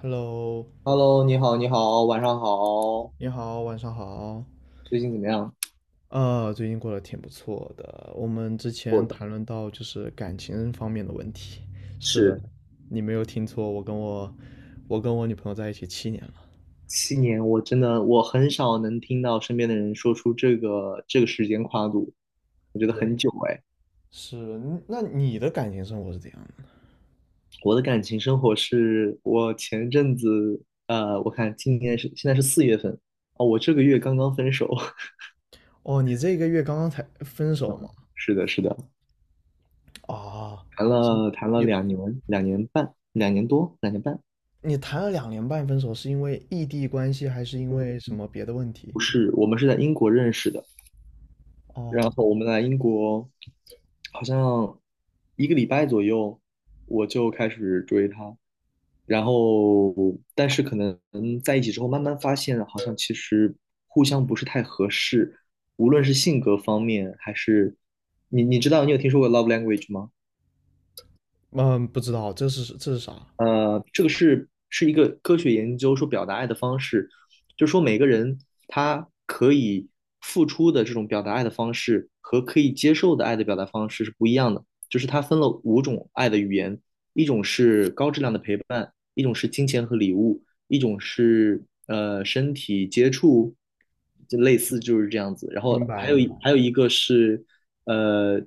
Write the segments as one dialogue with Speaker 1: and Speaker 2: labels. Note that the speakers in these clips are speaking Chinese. Speaker 1: Hello，
Speaker 2: Hello，你好，你好，晚上好，
Speaker 1: 你好，晚上好。
Speaker 2: 最近怎么样？
Speaker 1: 最近过得挺不错的。我们之
Speaker 2: 我
Speaker 1: 前
Speaker 2: 的
Speaker 1: 谈论到就是感情方面的问题。是的，
Speaker 2: 是
Speaker 1: 你没有听错，我跟我女朋友在一起七年了。
Speaker 2: 7年，我真的我很少能听到身边的人说出这个时间跨度，我觉得很
Speaker 1: 对，
Speaker 2: 久哎。
Speaker 1: 是。嗯那你的感情生活是怎样的？
Speaker 2: 我的感情生活是我前阵子，我看今年是现在是4月份。哦，我这个月刚刚分手。
Speaker 1: 哦，你这个月刚刚才分手 吗？
Speaker 2: 是的，是的，
Speaker 1: 啊，
Speaker 2: 谈
Speaker 1: 是，
Speaker 2: 了谈了
Speaker 1: 有，
Speaker 2: 两年，两年半，2年多，两年半。
Speaker 1: 你谈了2年半分手，是因为异地关系，还是因为
Speaker 2: 嗯，
Speaker 1: 什么别的问题？
Speaker 2: 不是，我们是在英国认识的，然
Speaker 1: 哦，
Speaker 2: 后我们来英国，好像一个礼拜左右，我就开始追她。然后，但是可能在一起之后，慢慢发现好像其实互相不是太合适，无论是性格方面，还是你知道你有听说过 love language 吗？
Speaker 1: 嗯，不知道，这是啥？
Speaker 2: 这个是一个科学研究说表达爱的方式，就是说每个人他可以付出的这种表达爱的方式和可以接受的爱的表达方式是不一样的。就是它分了5种爱的语言，一种是高质量的陪伴，一种是金钱和礼物，一种是身体接触，就类似就是这样子。然
Speaker 1: 明
Speaker 2: 后
Speaker 1: 白
Speaker 2: 还有
Speaker 1: 明白。
Speaker 2: 一还有一个是呃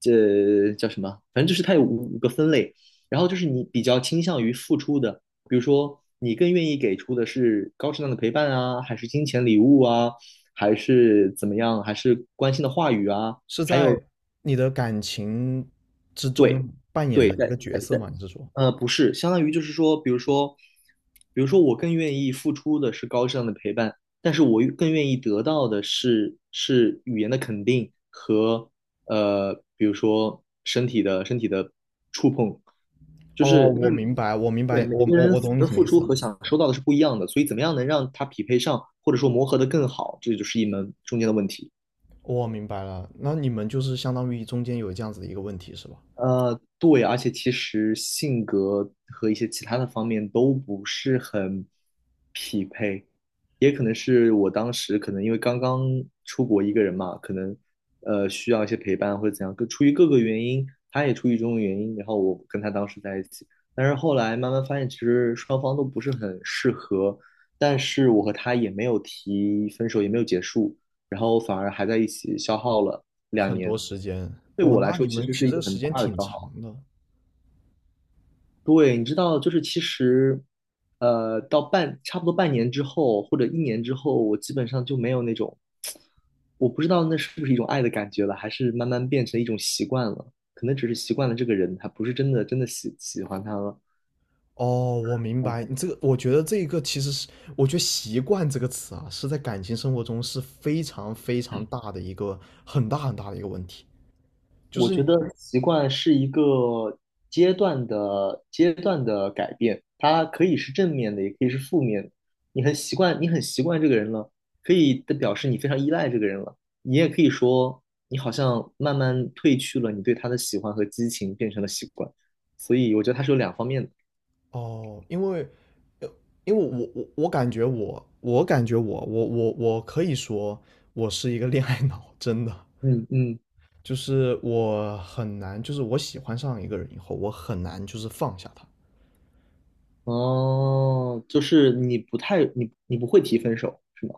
Speaker 2: 这叫什么？反正就是它有五个分类。然后就是你比较倾向于付出的，比如说你更愿意给出的是高质量的陪伴啊，还是金钱礼物啊，还是怎么样，还是关心的话语啊？
Speaker 1: 是在你的感情之中
Speaker 2: 对，
Speaker 1: 扮演
Speaker 2: 对，
Speaker 1: 的一
Speaker 2: 在
Speaker 1: 个角
Speaker 2: 在
Speaker 1: 色
Speaker 2: 在
Speaker 1: 吗？你是说？
Speaker 2: 不是，相当于就是说，比如说，我更愿意付出的是高质量的陪伴，但是我更愿意得到的是语言的肯定和比如说身体的触碰，就
Speaker 1: 哦，
Speaker 2: 是因
Speaker 1: 我
Speaker 2: 为
Speaker 1: 明白，我明
Speaker 2: 对
Speaker 1: 白，
Speaker 2: 每
Speaker 1: 我
Speaker 2: 个
Speaker 1: 我
Speaker 2: 人
Speaker 1: 我懂你
Speaker 2: 的
Speaker 1: 什么
Speaker 2: 付
Speaker 1: 意
Speaker 2: 出
Speaker 1: 思，
Speaker 2: 和想收到的是不一样的，所以怎么样能让它匹配上，或者说磨合的更好，这就是一门中间的问题。
Speaker 1: 我明白了。那你们就是相当于中间有这样子的一个问题是吧？
Speaker 2: 对，而且其实性格和一些其他的方面都不是很匹配，也可能是我当时可能因为刚刚出国一个人嘛，可能需要一些陪伴或者怎样，各出于各个原因，他也出于种种原因，然后我跟他当时在一起，但是后来慢慢发现其实双方都不是很适合，但是我和他也没有提分手，也没有结束，然后反而还在一起消耗了两
Speaker 1: 很
Speaker 2: 年。
Speaker 1: 多时间。
Speaker 2: 对
Speaker 1: 哦，
Speaker 2: 我来
Speaker 1: 那你
Speaker 2: 说，其
Speaker 1: 们
Speaker 2: 实
Speaker 1: 其实
Speaker 2: 是一
Speaker 1: 这
Speaker 2: 个
Speaker 1: 个时
Speaker 2: 很
Speaker 1: 间
Speaker 2: 大的
Speaker 1: 挺
Speaker 2: 消
Speaker 1: 长
Speaker 2: 耗。
Speaker 1: 的。
Speaker 2: 对，你知道，就是其实，差不多半年之后，或者一年之后，我基本上就没有那种，我不知道那是不是一种爱的感觉了，还是慢慢变成一种习惯了。可能只是习惯了这个人，还不是真的真的喜欢他了。
Speaker 1: 哦，我明白，你这个，我觉得这一个其实是，我觉得习惯这个词啊，是在感情生活中是非常非常大的一个很大很大的一个问题。就
Speaker 2: 我觉
Speaker 1: 是，
Speaker 2: 得习惯是一个阶段的改变，它可以是正面的，也可以是负面的。你很习惯这个人了，可以的表示你非常依赖这个人了。你也可以说，你好像慢慢褪去了你对他的喜欢和激情，变成了习惯。所以我觉得它是有两方面的。
Speaker 1: 哦，因为我感觉我可以说我是一个恋爱脑，真的。
Speaker 2: 嗯嗯，
Speaker 1: 就是我很难，就是我喜欢上一个人以后，我很难就是放下他。
Speaker 2: 哦，就是你不会提分手，是吗？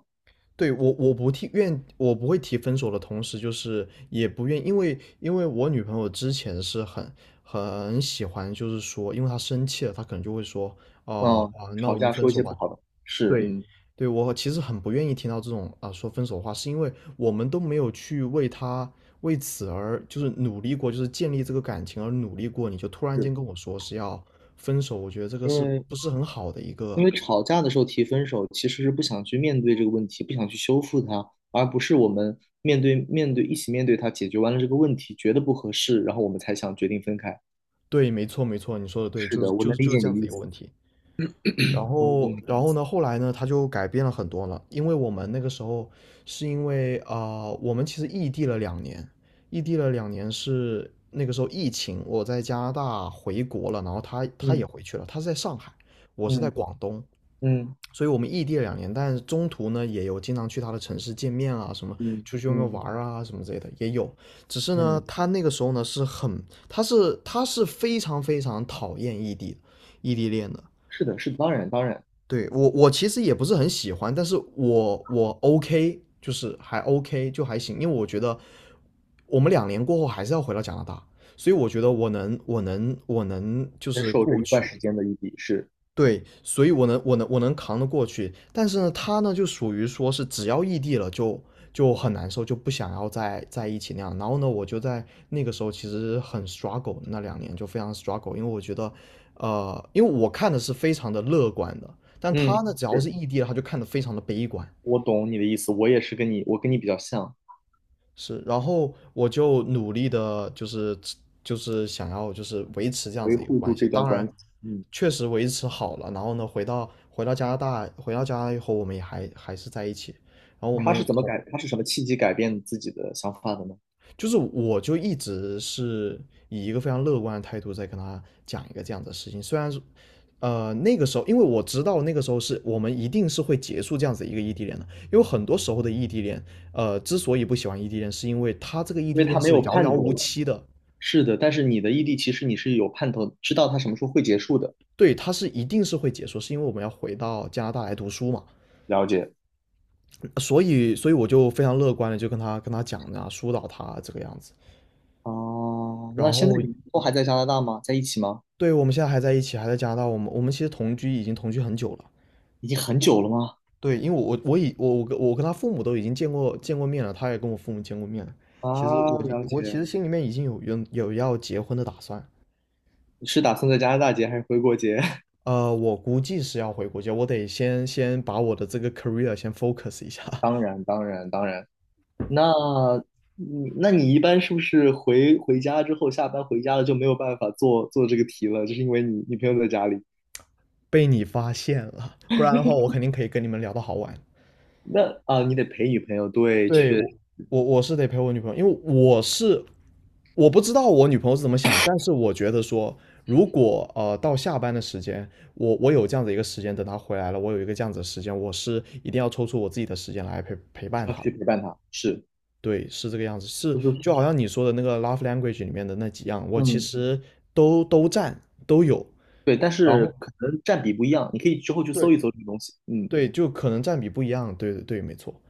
Speaker 1: 对，我不会提分手的同时，就是也不愿，因为我女朋友之前是很喜欢，就是说，因为她生气了，她可能就会说，哦、
Speaker 2: 哦，
Speaker 1: 啊，那
Speaker 2: 吵
Speaker 1: 我们
Speaker 2: 架
Speaker 1: 分
Speaker 2: 说一
Speaker 1: 手
Speaker 2: 些不
Speaker 1: 吧。
Speaker 2: 好的，是，
Speaker 1: 对，
Speaker 2: 嗯，
Speaker 1: 对，我其实很不愿意听到这种啊说分手的话，是因为我们都没有去为此而就是努力过，就是建立这个感情而努力过，你就突然间
Speaker 2: 是。
Speaker 1: 跟我说是要分手，我觉得这个
Speaker 2: 因
Speaker 1: 是
Speaker 2: 为
Speaker 1: 不是很好的一个？
Speaker 2: 因为吵架的时候提分手，其实是不想去面对这个问题，不想去修复它，而不是我们面对面对一起面对它，解决完了这个问题，觉得不合适，然后我们才想决定分开。
Speaker 1: 对，没错，没错，你说的对，
Speaker 2: 是
Speaker 1: 就是
Speaker 2: 的，我能理解你
Speaker 1: 这样
Speaker 2: 的
Speaker 1: 子
Speaker 2: 意
Speaker 1: 一个
Speaker 2: 思。
Speaker 1: 问题。
Speaker 2: 我能懂。
Speaker 1: 然后呢，后来呢，他就改变了很多了。因为我们那个时候是因为啊、呃我们其实异地了两年，异地了两年，是那个时候疫情，我在加拿大回国了，然后他也
Speaker 2: 嗯
Speaker 1: 回去了，他是在上海，我是在
Speaker 2: 嗯
Speaker 1: 广东，
Speaker 2: 嗯
Speaker 1: 所以我们异地了两年，但是中途呢也有经常去他的城市见面啊，什么
Speaker 2: 嗯
Speaker 1: 出去外面玩
Speaker 2: 嗯
Speaker 1: 儿啊，什么之类的也有。只是呢，
Speaker 2: 嗯，
Speaker 1: 他那个时候呢是很，他是非常非常讨厌异地恋的。
Speaker 2: 是的，是的，当然当然，
Speaker 1: 对，我其实也不是很喜欢，但是我 OK，就是还 OK 就还行，因为我觉得我们两年过后还是要回到加拿大，所以我觉得我能就
Speaker 2: 接
Speaker 1: 是
Speaker 2: 受这
Speaker 1: 过
Speaker 2: 一段
Speaker 1: 去。
Speaker 2: 时间的异地是，
Speaker 1: 对，所以我能扛得过去，但是呢，他呢就属于说是只要异地了就很难受，就不想要再在一起那样。然后呢，我就在那个时候其实很 struggle，那两年就非常 struggle。因为我觉得，因为我看的是非常的乐观的，但他
Speaker 2: 嗯，
Speaker 1: 呢只要是
Speaker 2: 是。
Speaker 1: 异地了，他就看得非常的悲观。
Speaker 2: 我懂你的意思，我也是跟你，我跟你比较像，
Speaker 1: 是，然后我就努力的，就是想要就是维持这样
Speaker 2: 维
Speaker 1: 子一个
Speaker 2: 护住
Speaker 1: 关系。
Speaker 2: 这段
Speaker 1: 当然，
Speaker 2: 关系。嗯，
Speaker 1: 确实维持好了。然后呢，回到加拿大，回到加拿大以后，我们也还是在一起。然后我们也
Speaker 2: 他是什么契机改变自己的想法的呢？
Speaker 1: 就是我就一直是以一个非常乐观的态度在跟他讲一个这样的事情，虽然是，那个时候因为我知道那个时候是我们一定是会结束这样子一个异地恋的，因为很多时候的异地恋，之所以不喜欢异地恋，是因为他这个异
Speaker 2: 因为
Speaker 1: 地恋
Speaker 2: 他没
Speaker 1: 是
Speaker 2: 有
Speaker 1: 遥遥
Speaker 2: 盼头
Speaker 1: 无
Speaker 2: 了。
Speaker 1: 期的。
Speaker 2: 是的，但是你的异地其实你是有盼头，知道它什么时候会结束的。
Speaker 1: 对，他是一定是会结束，是因为我们要回到加拿大来读书嘛，
Speaker 2: 了解。
Speaker 1: 所以我就非常乐观的就跟他讲啊，疏导他啊这个样子。
Speaker 2: 哦，那
Speaker 1: 然
Speaker 2: 现在
Speaker 1: 后，
Speaker 2: 你们都还在加拿大吗？在一起吗？
Speaker 1: 对，我们现在还在一起，还在加拿大，我们其实已经同居很久了。
Speaker 2: 已经很久了吗？
Speaker 1: 对，因为我我已我我跟我跟他父母都已经见过面了，他也跟我父母见过面了。
Speaker 2: 啊，
Speaker 1: 其实我已
Speaker 2: 了解。
Speaker 1: 我其实心里面已经有要结婚的打算。
Speaker 2: 你是打算在加拿大结还是回国结？
Speaker 1: 我估计是要回国家，我得先把我的这个 career 先 focus 一下。
Speaker 2: 当然，当然，当然。那，那你一般是不是回家之后，下班回家了就没有办法做做这个题了？就是因为你女朋友在家里。
Speaker 1: 被你发现了，不然的话我肯定可以跟你们聊到好晚。
Speaker 2: 那啊，你得陪女朋友，对，
Speaker 1: 对，
Speaker 2: 确，
Speaker 1: 我是得陪我女朋友，因为我不知道我女朋友是怎么想，但是我觉得说，如果到下班的时间，我有这样的一个时间，等她回来了，我有一个这样子的时间，我是一定要抽出我自己的时间来陪陪
Speaker 2: 需
Speaker 1: 伴
Speaker 2: 要
Speaker 1: 她的。
Speaker 2: 去陪伴她。是，
Speaker 1: 对，是这个样子，是
Speaker 2: 就是。
Speaker 1: 就好像你说的那个 love language 里面的那几样，我其
Speaker 2: 嗯，
Speaker 1: 实都都占都有。
Speaker 2: 对，但
Speaker 1: 然
Speaker 2: 是
Speaker 1: 后，
Speaker 2: 可能占比不一样，你可以之后去搜
Speaker 1: 对
Speaker 2: 一搜这个东西。嗯，
Speaker 1: 对，就可能占比不一样，对对对，没错。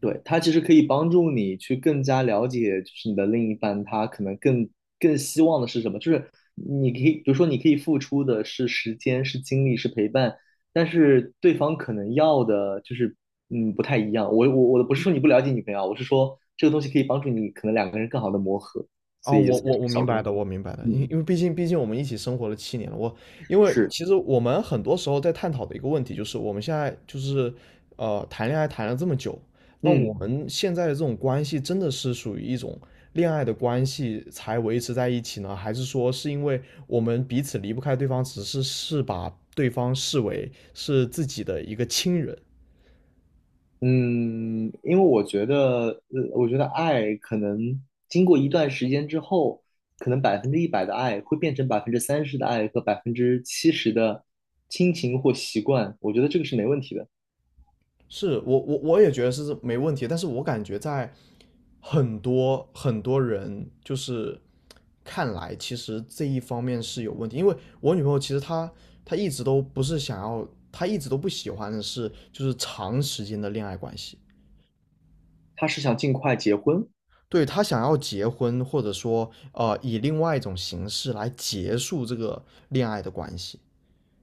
Speaker 2: 对，它其实可以帮助你去更加了解，就是你的另一半他可能更希望的是什么，就是你可以，比如说你可以付出的是时间、是精力、是陪伴，但是对方可能要的就是不太一样。我不是说你不了解女朋友啊，我是说这个东西可以帮助你可能2个人更好的磨合，所
Speaker 1: 哦，
Speaker 2: 以也
Speaker 1: 我
Speaker 2: 算
Speaker 1: 我
Speaker 2: 是个
Speaker 1: 我
Speaker 2: 小
Speaker 1: 明
Speaker 2: 工
Speaker 1: 白
Speaker 2: 具。
Speaker 1: 的，我明白的，因
Speaker 2: 嗯，
Speaker 1: 因为毕竟我们一起生活了七年了。因为
Speaker 2: 是，
Speaker 1: 其实我们很多时候在探讨的一个问题就是，我们现在就是谈恋爱谈了这么久，那
Speaker 2: 嗯。
Speaker 1: 我们现在的这种关系真的是属于一种恋爱的关系才维持在一起呢？还是说是因为我们彼此离不开对方，只是把对方视为是自己的一个亲人？
Speaker 2: 嗯，因为我觉得，我觉得爱可能经过一段时间之后，可能100%的爱会变成30%的爱和70%的亲情或习惯，我觉得这个是没问题的。
Speaker 1: 是，我也觉得是没问题，但是我感觉在很多很多人就是看来，其实这一方面是有问题，因为我女朋友其实她一直都不是想要，她一直都不喜欢的是就是长时间的恋爱关系。
Speaker 2: 他是想尽快结婚，
Speaker 1: 对，她想要结婚，或者说以另外一种形式来结束这个恋爱的关系。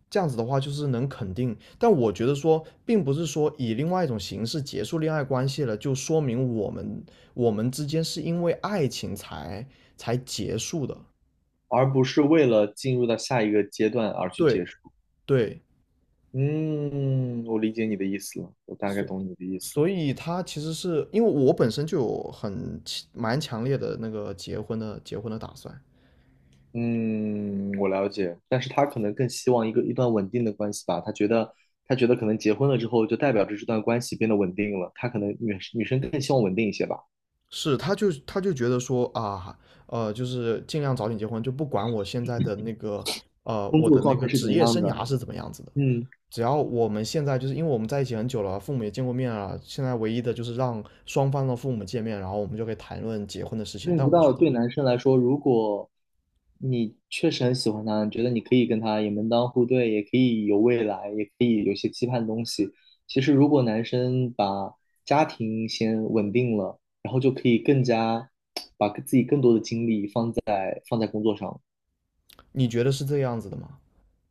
Speaker 1: 这样子的话，就是能肯定，但我觉得说，并不是说以另外一种形式结束恋爱关系了，就说明我们之间是因为爱情才结束的。
Speaker 2: 而不是为了进入到下一个阶段而去结
Speaker 1: 对
Speaker 2: 束。
Speaker 1: 对，
Speaker 2: 嗯，我理解你的意思了，我大概
Speaker 1: 所
Speaker 2: 懂你的意思了。
Speaker 1: 所以他其实是因为我本身就有强蛮强烈的那个结婚的打算，
Speaker 2: 嗯，我了解，但是他可能更希望一段稳定的关系吧。他觉得可能结婚了之后，就代表着这段关系变得稳定了。他可能女生更希望稳定一些吧。
Speaker 1: 是他就觉得说啊，就是尽量早点结婚，就不管我现在的那个
Speaker 2: 工
Speaker 1: 我
Speaker 2: 作
Speaker 1: 的那
Speaker 2: 状
Speaker 1: 个
Speaker 2: 态是怎
Speaker 1: 职业
Speaker 2: 样
Speaker 1: 生
Speaker 2: 的？
Speaker 1: 涯是怎么样子的。
Speaker 2: 嗯。
Speaker 1: 只要我们现在就是因为我们在一起很久了，父母也见过面了，现在唯一的就是让双方的父母见面，然后我们就可以谈论结婚的事情。
Speaker 2: 认
Speaker 1: 但
Speaker 2: 不
Speaker 1: 我觉
Speaker 2: 到
Speaker 1: 得，
Speaker 2: 对男生来说，如果你确实很喜欢他，你觉得你可以跟他也门当户对，也可以有未来，也可以有些期盼的东西。其实，如果男生把家庭先稳定了，然后就可以更加 把自己更多的精力放在工作上了。
Speaker 1: 你觉得是这样子的吗？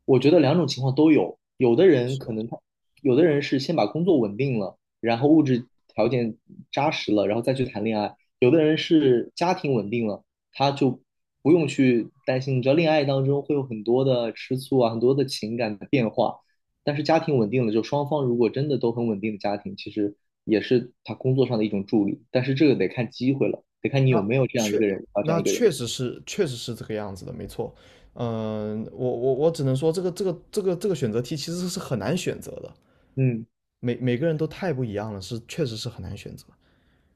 Speaker 2: 我觉得两种情况都有，有的人
Speaker 1: 是
Speaker 2: 可
Speaker 1: 吧？
Speaker 2: 能他，有的人是先把工作稳定了，然后物质条件扎实了，然后再去谈恋爱；有的人是家庭稳定了，他就不用去担心，你知道恋爱当中会有很多的吃醋啊，很多的情感的变化，但是家庭稳定了，就双方如果真的都很稳定的家庭，其实也是他工作上的一种助力，但是这个得看机会了，得看你有
Speaker 1: 那
Speaker 2: 没有这样一
Speaker 1: 确
Speaker 2: 个人啊，这样
Speaker 1: 那
Speaker 2: 一个人。
Speaker 1: 确实是确实是这个样子的，没错。嗯，我只能说这个选择题其实是很难选择的，
Speaker 2: 嗯。
Speaker 1: 每个人都太不一样了，是确实是很难选择。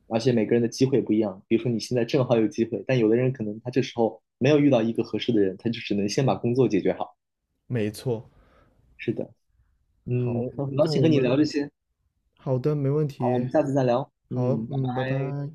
Speaker 2: 而且每个人的机会不一样。比如说你现在正好有机会，但有的人可能他这时候没有遇到一个合适的人，他就只能先把工作解决好。
Speaker 1: 没错。
Speaker 2: 是的。
Speaker 1: 好，
Speaker 2: 嗯，很高
Speaker 1: 那
Speaker 2: 兴
Speaker 1: 我
Speaker 2: 和你聊
Speaker 1: 们
Speaker 2: 这些。
Speaker 1: 好的，没问
Speaker 2: 好，我
Speaker 1: 题。
Speaker 2: 们下次再聊，
Speaker 1: 好，
Speaker 2: 嗯。
Speaker 1: 嗯，拜拜。